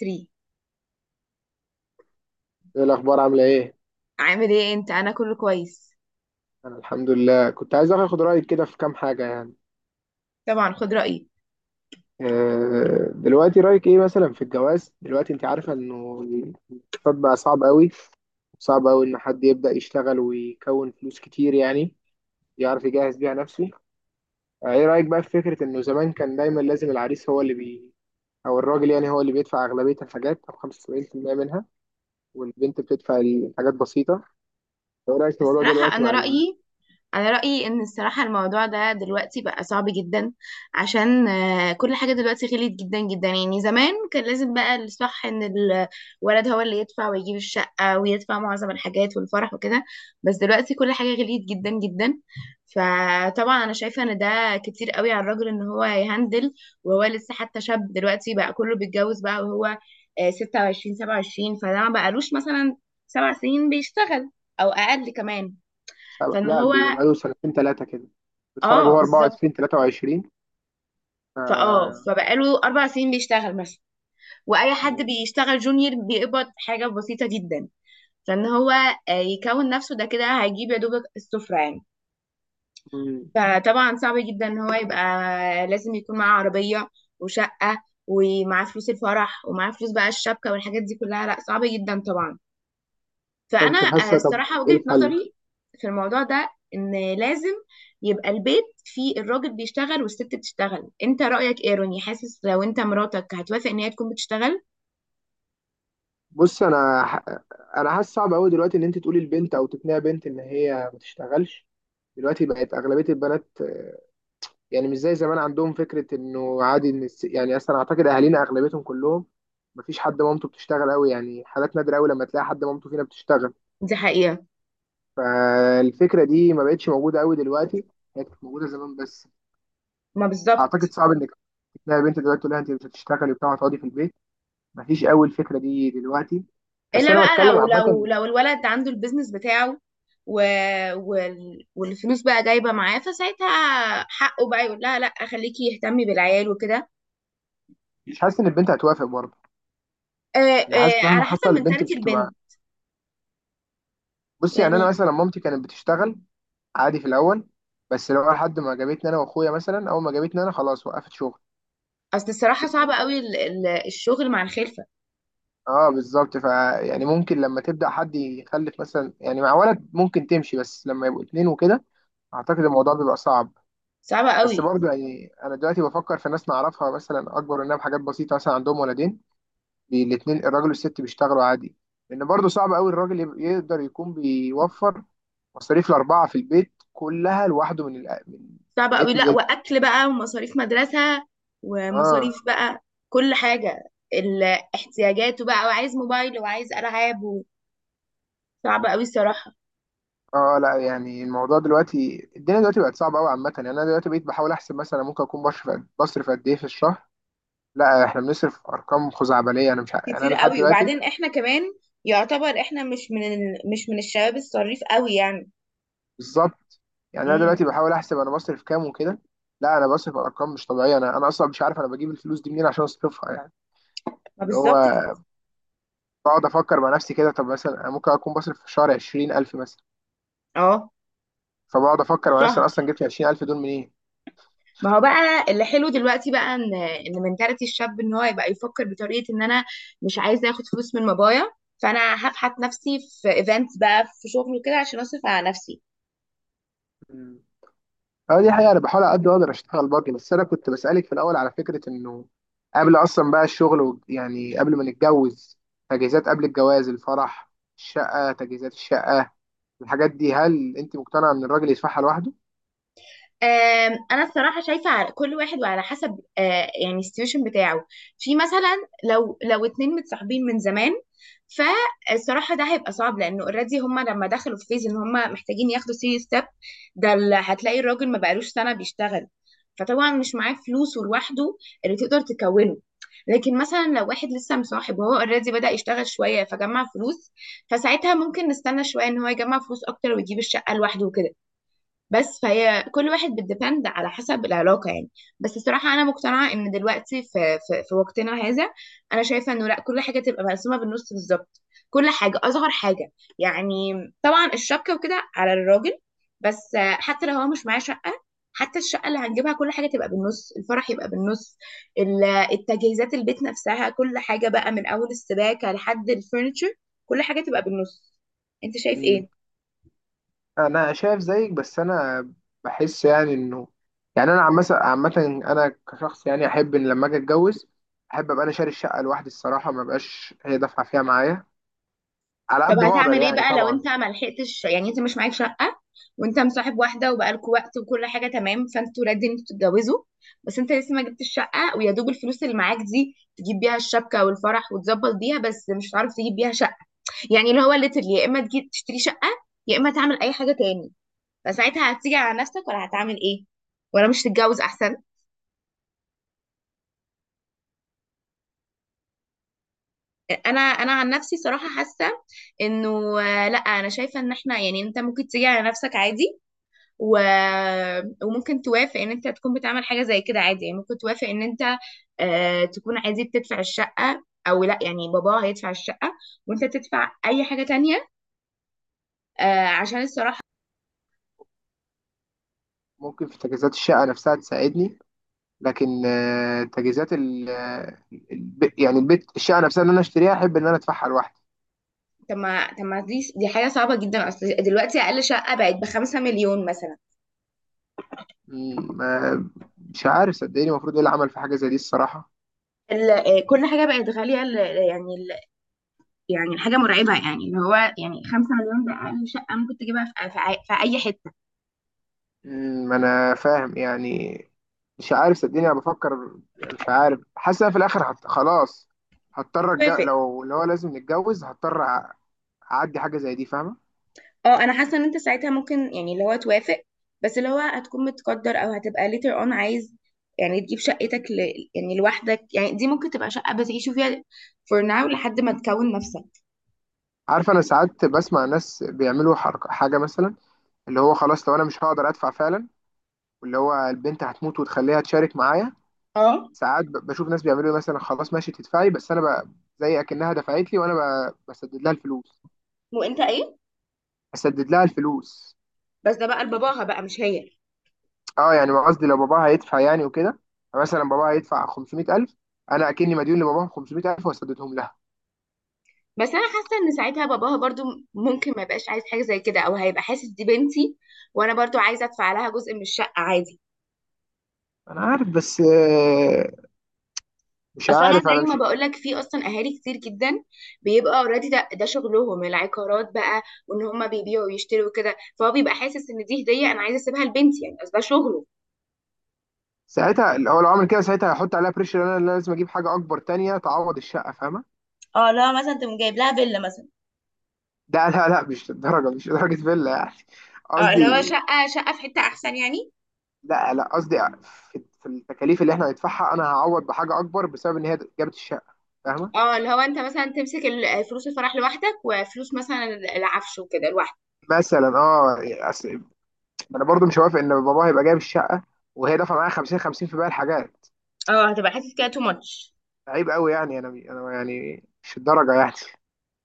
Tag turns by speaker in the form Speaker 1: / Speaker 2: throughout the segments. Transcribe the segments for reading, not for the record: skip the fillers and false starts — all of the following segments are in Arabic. Speaker 1: 3
Speaker 2: ايه الاخبار؟ عامله ايه؟
Speaker 1: عامل ايه انت؟ انا كله كويس.
Speaker 2: انا الحمد لله، كنت عايز اخد رايك كده في كام حاجه
Speaker 1: طبعا خد رأيي.
Speaker 2: دلوقتي رايك ايه مثلا في الجواز؟ دلوقتي انت عارفه انه الاقتصاد بقى صعب قوي. صعب قوي ان حد يبدا يشتغل ويكون فلوس كتير يعني يعرف يجهز بيها نفسه. ايه رايك بقى في فكره انه زمان كان دايما لازم العريس هو اللي بي او الراجل يعني هو اللي بيدفع اغلبيه الحاجات او 75% منها، والبنت بتدفع الحاجات بسيطه. ايه رايك في الموضوع
Speaker 1: الصراحة،
Speaker 2: دلوقتي
Speaker 1: انا
Speaker 2: مع
Speaker 1: رأيي انا رايي ان الصراحه الموضوع ده دلوقتي بقى صعب جدا. عشان كل حاجه دلوقتي غليت جدا جدا. يعني زمان كان لازم بقى الصح ان الولد هو اللي يدفع ويجيب الشقه ويدفع معظم الحاجات والفرح وكده. بس دلوقتي كل حاجه غليت جدا جدا. فطبعا انا شايفه ان ده كتير قوي على الراجل ان هو يهندل، وهو لسه حتى شاب. دلوقتي بقى كله بيتجوز بقى، وهو 26 27. فده ما بقالوش مثلا 7 سنين بيشتغل، او اقل كمان.
Speaker 2: سبع؟
Speaker 1: فان
Speaker 2: لا،
Speaker 1: هو
Speaker 2: بيبقى بقاله سنتين ثلاثة كده، بيتخرج
Speaker 1: اه
Speaker 2: وهو
Speaker 1: بالظبط.
Speaker 2: 24 23. ف...
Speaker 1: فبقاله 4 سنين بيشتغل مثلا. واي حد بيشتغل جونيور بيقبض حاجه بسيطه جدا. فان هو يكون نفسه ده كده هيجيب يا دوبك السفره يعني.
Speaker 2: مم.
Speaker 1: فطبعا صعب جدا ان هو يبقى لازم يكون معاه عربيه وشقه، ومعاه فلوس الفرح، ومعاه فلوس بقى الشبكه والحاجات دي كلها. لا، صعب جدا طبعا. فانا
Speaker 2: فانت حاسة طب
Speaker 1: الصراحه
Speaker 2: ايه
Speaker 1: وجهه
Speaker 2: الحل؟
Speaker 1: نظري في الموضوع ده ان لازم يبقى البيت فيه الراجل بيشتغل والست بتشتغل. انت رايك ايه روني؟ حاسس لو انت مراتك هتوافق ان هي تكون بتشتغل؟
Speaker 2: بص انا ح... انا حاسس صعب قوي دلوقتي ان انت تقولي لبنت او تقنعي بنت ان هي ما تشتغلش. دلوقتي بقت اغلبيه البنات، يعني مش زي زمان، عندهم فكره انه عادي ان يعني اصلا اعتقد اهالينا اغلبيتهم كلهم، ما فيش حد مامته بتشتغل قوي، يعني حالات نادره قوي لما تلاقي حد مامته فينا بتشتغل.
Speaker 1: دي حقيقه.
Speaker 2: فالفكره دي ما بقتش موجوده قوي دلوقتي، هي كانت موجوده زمان بس.
Speaker 1: ما بالظبط.
Speaker 2: اعتقد صعب انك تلاقي بنت دلوقتي تقول لها انت مش هتشتغلي وبتاع، هتقعدي في البيت. مفيش قوي الفكره دي دلوقتي. بس
Speaker 1: الا
Speaker 2: انا
Speaker 1: بقى
Speaker 2: بتكلم
Speaker 1: لو
Speaker 2: عامه.
Speaker 1: لو لو الولد عنده البيزنس بتاعه، و... والفلوس بقى جايبه معاه، فساعتها حقه بقى يقول لها لا، خليكي يهتمي بالعيال وكده.
Speaker 2: مش حاسس ان البنت هتوافق برضه.
Speaker 1: آه،
Speaker 2: انا حاسس
Speaker 1: على
Speaker 2: مهما
Speaker 1: حسب
Speaker 2: حصل البنت
Speaker 1: منتاليتي
Speaker 2: مش هتبقى.
Speaker 1: البنت
Speaker 2: بصي، يعني انا
Speaker 1: يعني.
Speaker 2: مثلا مامتي كانت بتشتغل عادي في الاول، بس لو لحد ما جابتني، انا واخويا مثلا، اول ما جابتني انا خلاص وقفت شغل.
Speaker 1: اصل الصراحه صعبه قوي الشغل مع الخلفه.
Speaker 2: اه بالظبط. ف يعني ممكن لما تبدا حد يخلف مثلا، يعني مع ولد ممكن تمشي، بس لما يبقوا اتنين وكده اعتقد الموضوع بيبقى صعب.
Speaker 1: صعبه
Speaker 2: بس
Speaker 1: قوي.
Speaker 2: برضه يعني انا دلوقتي بفكر في ناس نعرفها مثلا اكبر مننا بحاجات بسيطه، مثلا عندهم ولدين، الاتنين الراجل والست بيشتغلوا عادي، لان برضه صعب قوي الراجل يقدر يكون بيوفر مصاريف الاربعه في البيت كلها لوحده من
Speaker 1: صعب
Speaker 2: من ايه
Speaker 1: قوي،
Speaker 2: تو
Speaker 1: لا،
Speaker 2: زد.
Speaker 1: واكل بقى، ومصاريف مدرسه،
Speaker 2: اه.
Speaker 1: ومصاريف بقى كل حاجه. احتياجاته بقى، وعايز موبايل، وعايز العاب صعب قوي الصراحه.
Speaker 2: اه لا، يعني الموضوع دلوقتي الدنيا دلوقتي بقت صعبه قوي عامه. يعني انا دلوقتي بقيت بحاول احسب مثلا ممكن اكون بصرف قد ايه في الشهر. لا احنا بنصرف ارقام خزعبليه. انا مش ع- يعني
Speaker 1: كتير
Speaker 2: انا لحد
Speaker 1: قوي،
Speaker 2: دلوقتي
Speaker 1: وبعدين احنا كمان يعتبر احنا مش من مش من الشباب الصريف قوي يعني.
Speaker 2: بالظبط. يعني انا
Speaker 1: امم.
Speaker 2: دلوقتي بحاول احسب انا بصرف كام وكده. لا، انا بصرف ارقام مش طبيعيه. انا اصلا مش عارف انا بجيب الفلوس دي منين عشان اصرفها يعني.
Speaker 1: ما
Speaker 2: اللي هو
Speaker 1: بالظبط كده.
Speaker 2: بقعد افكر مع نفسي كده، طب مثلا انا ممكن اكون بصرف في الشهر 20000 مثلا،
Speaker 1: اه،
Speaker 2: فبقعد افكر مع نفسي
Speaker 1: الشهر.
Speaker 2: انا اصلا جبت 20000 دول منين.
Speaker 1: ما هو بقى اللي حلو دلوقتي بقى ان منتاليتي الشاب ان هو يبقى يفكر بطريقه ان انا مش عايزه اخد فلوس من بابايا. فانا هبحث نفسي في ايفنتس بقى، في شغل وكده، عشان اصرف على نفسي.
Speaker 2: مم. اه دي حقيقة، أنا بحاول على قد ما أقدر أشتغل باجي. بس أنا كنت بسألك في الأول على فكرة إنه قبل أصلا بقى الشغل يعني قبل ما نتجوز، تجهيزات قبل الجواز، الفرح، الشقة، تجهيزات الشقة، الحاجات دي، هل أنت مقتنعة إن الراجل يدفعها لوحده؟
Speaker 1: انا الصراحه شايفه على كل واحد وعلى حسب يعني السيتويشن بتاعه. في مثلا لو اتنين متصاحبين من زمان. فالصراحه ده هيبقى صعب لانه اوريدي هم لما دخلوا في فيز ان هم محتاجين ياخدوا سيريس ستيب. ده اللي هتلاقي الراجل ما بقالوش سنه بيشتغل، فطبعا مش معاه فلوس ولوحده اللي تقدر تكونه. لكن مثلا لو واحد لسه مصاحب وهو اوريدي بدأ يشتغل شويه فجمع فلوس، فساعتها ممكن نستنى شويه ان هو يجمع فلوس اكتر ويجيب الشقه لوحده وكده. بس فهي كل واحد بتديبند على حسب العلاقة يعني. بس الصراحة أنا مقتنعة إن دلوقتي في وقتنا هذا. أنا شايفة إنه لأ، كل حاجة تبقى مقسومة بالنص بالظبط. كل حاجة، أصغر حاجة يعني. طبعا الشبكة وكده على الراجل، بس حتى لو هو مش معاه شقة. حتى الشقة اللي هنجيبها كل حاجة تبقى بالنص، الفرح يبقى بالنص. ال- التجهيزات البيت نفسها، كل حاجة بقى من أول السباكة لحد الفurniture، كل حاجة تبقى بالنص. أنت شايف إيه؟
Speaker 2: انا شايف زيك، بس انا بحس يعني انه، يعني انا عامه عامه انا كشخص، يعني احب ان لما اجي اتجوز احب ابقى انا شاري الشقه لوحدي الصراحه، ما بقاش هي دافعه فيها معايا، على
Speaker 1: طب
Speaker 2: قد ما اقدر
Speaker 1: هتعمل ايه
Speaker 2: يعني
Speaker 1: بقى لو
Speaker 2: طبعا.
Speaker 1: انت ما لحقتش؟ يعني انت مش معاك شقه وانت مصاحب واحده وبقالكوا وقت وكل حاجه تمام، فانتوا رادين انتوا تتجوزوا، بس انت لسه ما جبتش شقه، ويا دوب الفلوس اللي معاك دي تجيب بيها الشبكه والفرح وتظبط بيها، بس مش هتعرف تجيب بيها شقه. يعني اللي هو ليترلي يا اما تجيب تشتري شقه، يا اما تعمل اي حاجه تاني. فساعتها هتيجي على نفسك ولا هتعمل ايه؟ ولا مش تتجوز احسن؟ انا عن نفسي صراحه حاسه انه لا، انا شايفه ان احنا، يعني انت ممكن تيجي على نفسك عادي، و... وممكن توافق ان انت تكون بتعمل حاجه زي كده عادي. يعني ممكن توافق ان انت تكون عادي بتدفع الشقه او لا، يعني بابا هيدفع الشقه وانت تدفع اي حاجه تانية. عشان الصراحه.
Speaker 2: ممكن في تجهيزات الشقه نفسها تساعدني، لكن تجهيزات يعني البيت، الشقه نفسها اللي انا اشتريها احب ان انا ادفعها لوحدي.
Speaker 1: طب ما دي حاجه صعبه جدا، اصل دلوقتي اقل شقه بقت بـ5 مليون مثلا.
Speaker 2: م- ما- مش عارف صدقني المفروض ايه اللي عمل في حاجه زي دي الصراحه.
Speaker 1: ال... آه، كل حاجه بقت غاليه يعني يعني الحاجه مرعبه. يعني اللي هو يعني 5 مليون ده اقل شقه ممكن تجيبها في اي حته.
Speaker 2: ما انا فاهم يعني. مش عارف صدقني، انا بفكر يعني. مش عارف حاسس إن أنا في الاخر خلاص هضطر
Speaker 1: هتوافق.
Speaker 2: لو هو لازم نتجوز هضطر اعدي حاجه زي دي، فاهمه.
Speaker 1: اه، انا حاسه ان انت ساعتها ممكن، يعني اللي هو توافق، بس اللي هو هتكون متقدر او هتبقى later on عايز يعني تجيب شقتك يعني لوحدك. يعني دي ممكن تبقى شقه بتعيشوا فيها for now لحد ما تكون نفسك.
Speaker 2: عارف، انا ساعات بسمع ناس بيعملوا حركه حاجه مثلا اللي هو، خلاص لو انا مش هقدر ادفع فعلا، واللي هو البنت هتموت وتخليها تشارك معايا.
Speaker 1: اه،
Speaker 2: ساعات بشوف ناس بيعملوا إيه مثلا، خلاص ماشي تدفعي، بس انا زي اكنها دفعت لي وانا بسدد لها الفلوس.
Speaker 1: وانت ايه.
Speaker 2: بسدد لها الفلوس.
Speaker 1: بس ده بقى لباباها بقى مش هي.
Speaker 2: اه يعني، ما قصدي لو باباها هيدفع يعني وكده يعني، مثلا باباها هيدفع 500000، انا اكني مديون لباباها 500000 وسددهم لها.
Speaker 1: بس انا حاسه ان ساعتها باباها برضو ممكن ما يبقاش عايز حاجه زي كده، او هيبقى حاسس دي بنتي وانا برضو عايزه ادفع لها جزء من الشقه عادي.
Speaker 2: انا عارف، بس مش
Speaker 1: اصل انا
Speaker 2: عارف، انا
Speaker 1: زي ما
Speaker 2: مش.
Speaker 1: بقول لك، في اصلا اهالي كتير جدا بيبقى اوريدي ده شغلهم العقارات بقى، وان هم بيبيعوا ويشتروا وكده، فهو بيبقى حاسس ان دي هديه انا عايزه اسيبها لبنتي يعني، اصل ده شغله.
Speaker 2: ساعتها لو عمل كده ساعتها هيحط عليها بريشر، انا اللي لازم اجيب حاجه اكبر تانية تعوض الشقه، فاهمه.
Speaker 1: اه لو مثلا تقوم جايب لها فيلا مثلا.
Speaker 2: لا، مش للدرجه، مش لدرجه فيلا يعني.
Speaker 1: اه اللي هو
Speaker 2: قصدي،
Speaker 1: شقه في حته احسن يعني.
Speaker 2: لا قصدي، في في التكاليف اللي احنا هندفعها انا هعوض بحاجه اكبر بسبب ان هي جابت الشقه، فاهمه.
Speaker 1: اه اللي هو انت مثلا تمسك فلوس الفرح لوحدك، وفلوس مثلا العفش وكده لوحدك.
Speaker 2: مثلا اه. انا برضو مش موافق ان باباه هيبقى جايب الشقه وهي دافعه معايا 50 50 في باقي الحاجات.
Speaker 1: اه هتبقى حاسس كده تو ماتش.
Speaker 2: عيب قوي يعني. انا يعني مش الدرجه يعني.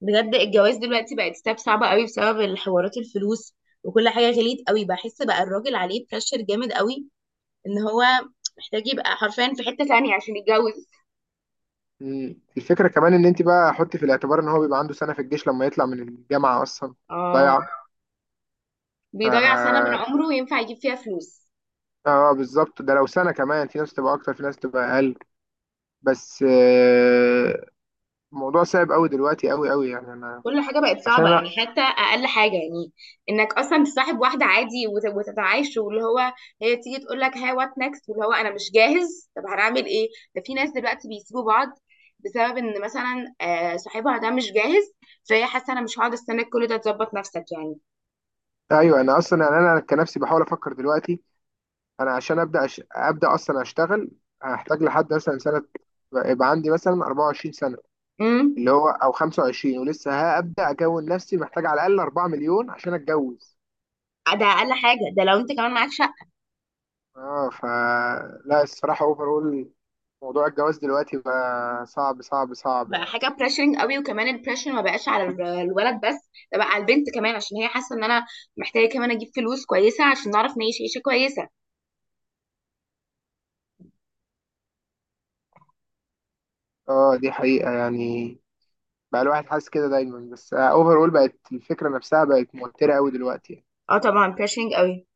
Speaker 1: بجد الجواز دلوقتي بقت ستاب صعبه قوي بسبب الحوارات، الفلوس، وكل حاجه غليت قوي. بحس بقى الراجل عليه بريشر جامد قوي ان هو محتاج يبقى حرفيا في حتة تانية عشان يتجوز.
Speaker 2: الفكره كمان ان انت بقى حطي في الاعتبار ان هو بيبقى عنده سنه في الجيش لما يطلع من الجامعه اصلا،
Speaker 1: اه،
Speaker 2: ضايعه.
Speaker 1: بيضيع سنة من
Speaker 2: اه
Speaker 1: عمره ينفع يجيب فيها فلوس.
Speaker 2: بالظبط، ده لو سنه، كمان في ناس تبقى اكتر، في ناس تبقى اقل. بس الموضوع صعب قوي دلوقتي، قوي قوي يعني انا،
Speaker 1: كل حاجة بقت
Speaker 2: عشان
Speaker 1: صعبة
Speaker 2: انا.
Speaker 1: يعني، حتى أقل حاجة يعني. إنك أصلا تصاحب واحدة عادي وتتعايش، واللي هو هي تيجي تقول لك هاي وات نكست، واللي هو أنا مش جاهز، طب هنعمل إيه؟ ده في ناس دلوقتي بيسيبوا بعض بسبب إن مثلا صاحبها ده مش جاهز، فهي حاسة أنا مش هقعد أستناك كل ده، تظبط نفسك يعني.
Speaker 2: ايوه، انا اصلا يعني انا كنفسي بحاول افكر دلوقتي، انا عشان ابدا ابدا اصلا اشتغل هحتاج لحد مثلا سنه، يبقى عندي مثلا 24 سنه
Speaker 1: امم.
Speaker 2: اللي هو او 25، ولسه هبدا اكون نفسي، محتاج على الاقل 4 مليون عشان اتجوز.
Speaker 1: ده أقل حاجة، ده لو أنت كمان معكش.
Speaker 2: اه ف. لا الصراحه اوفرول موضوع الجواز دلوقتي بقى صعب صعب صعب
Speaker 1: بقى
Speaker 2: يعني.
Speaker 1: حاجه بريشرنج قوي، وكمان البريشر ما بقاش على الولد بس، ده بقى على البنت كمان عشان هي حاسه ان انا محتاجه كمان اجيب فلوس كويسه عشان نعرف نعيش عيشه كويسه.
Speaker 2: اه دي حقيقه يعني، بقى الواحد حاسس كده دايما. بس اوفرول بقت الفكره نفسها بقت موتره قوي دلوقتي يعني.
Speaker 1: اه طبعا بريشرنج قوي.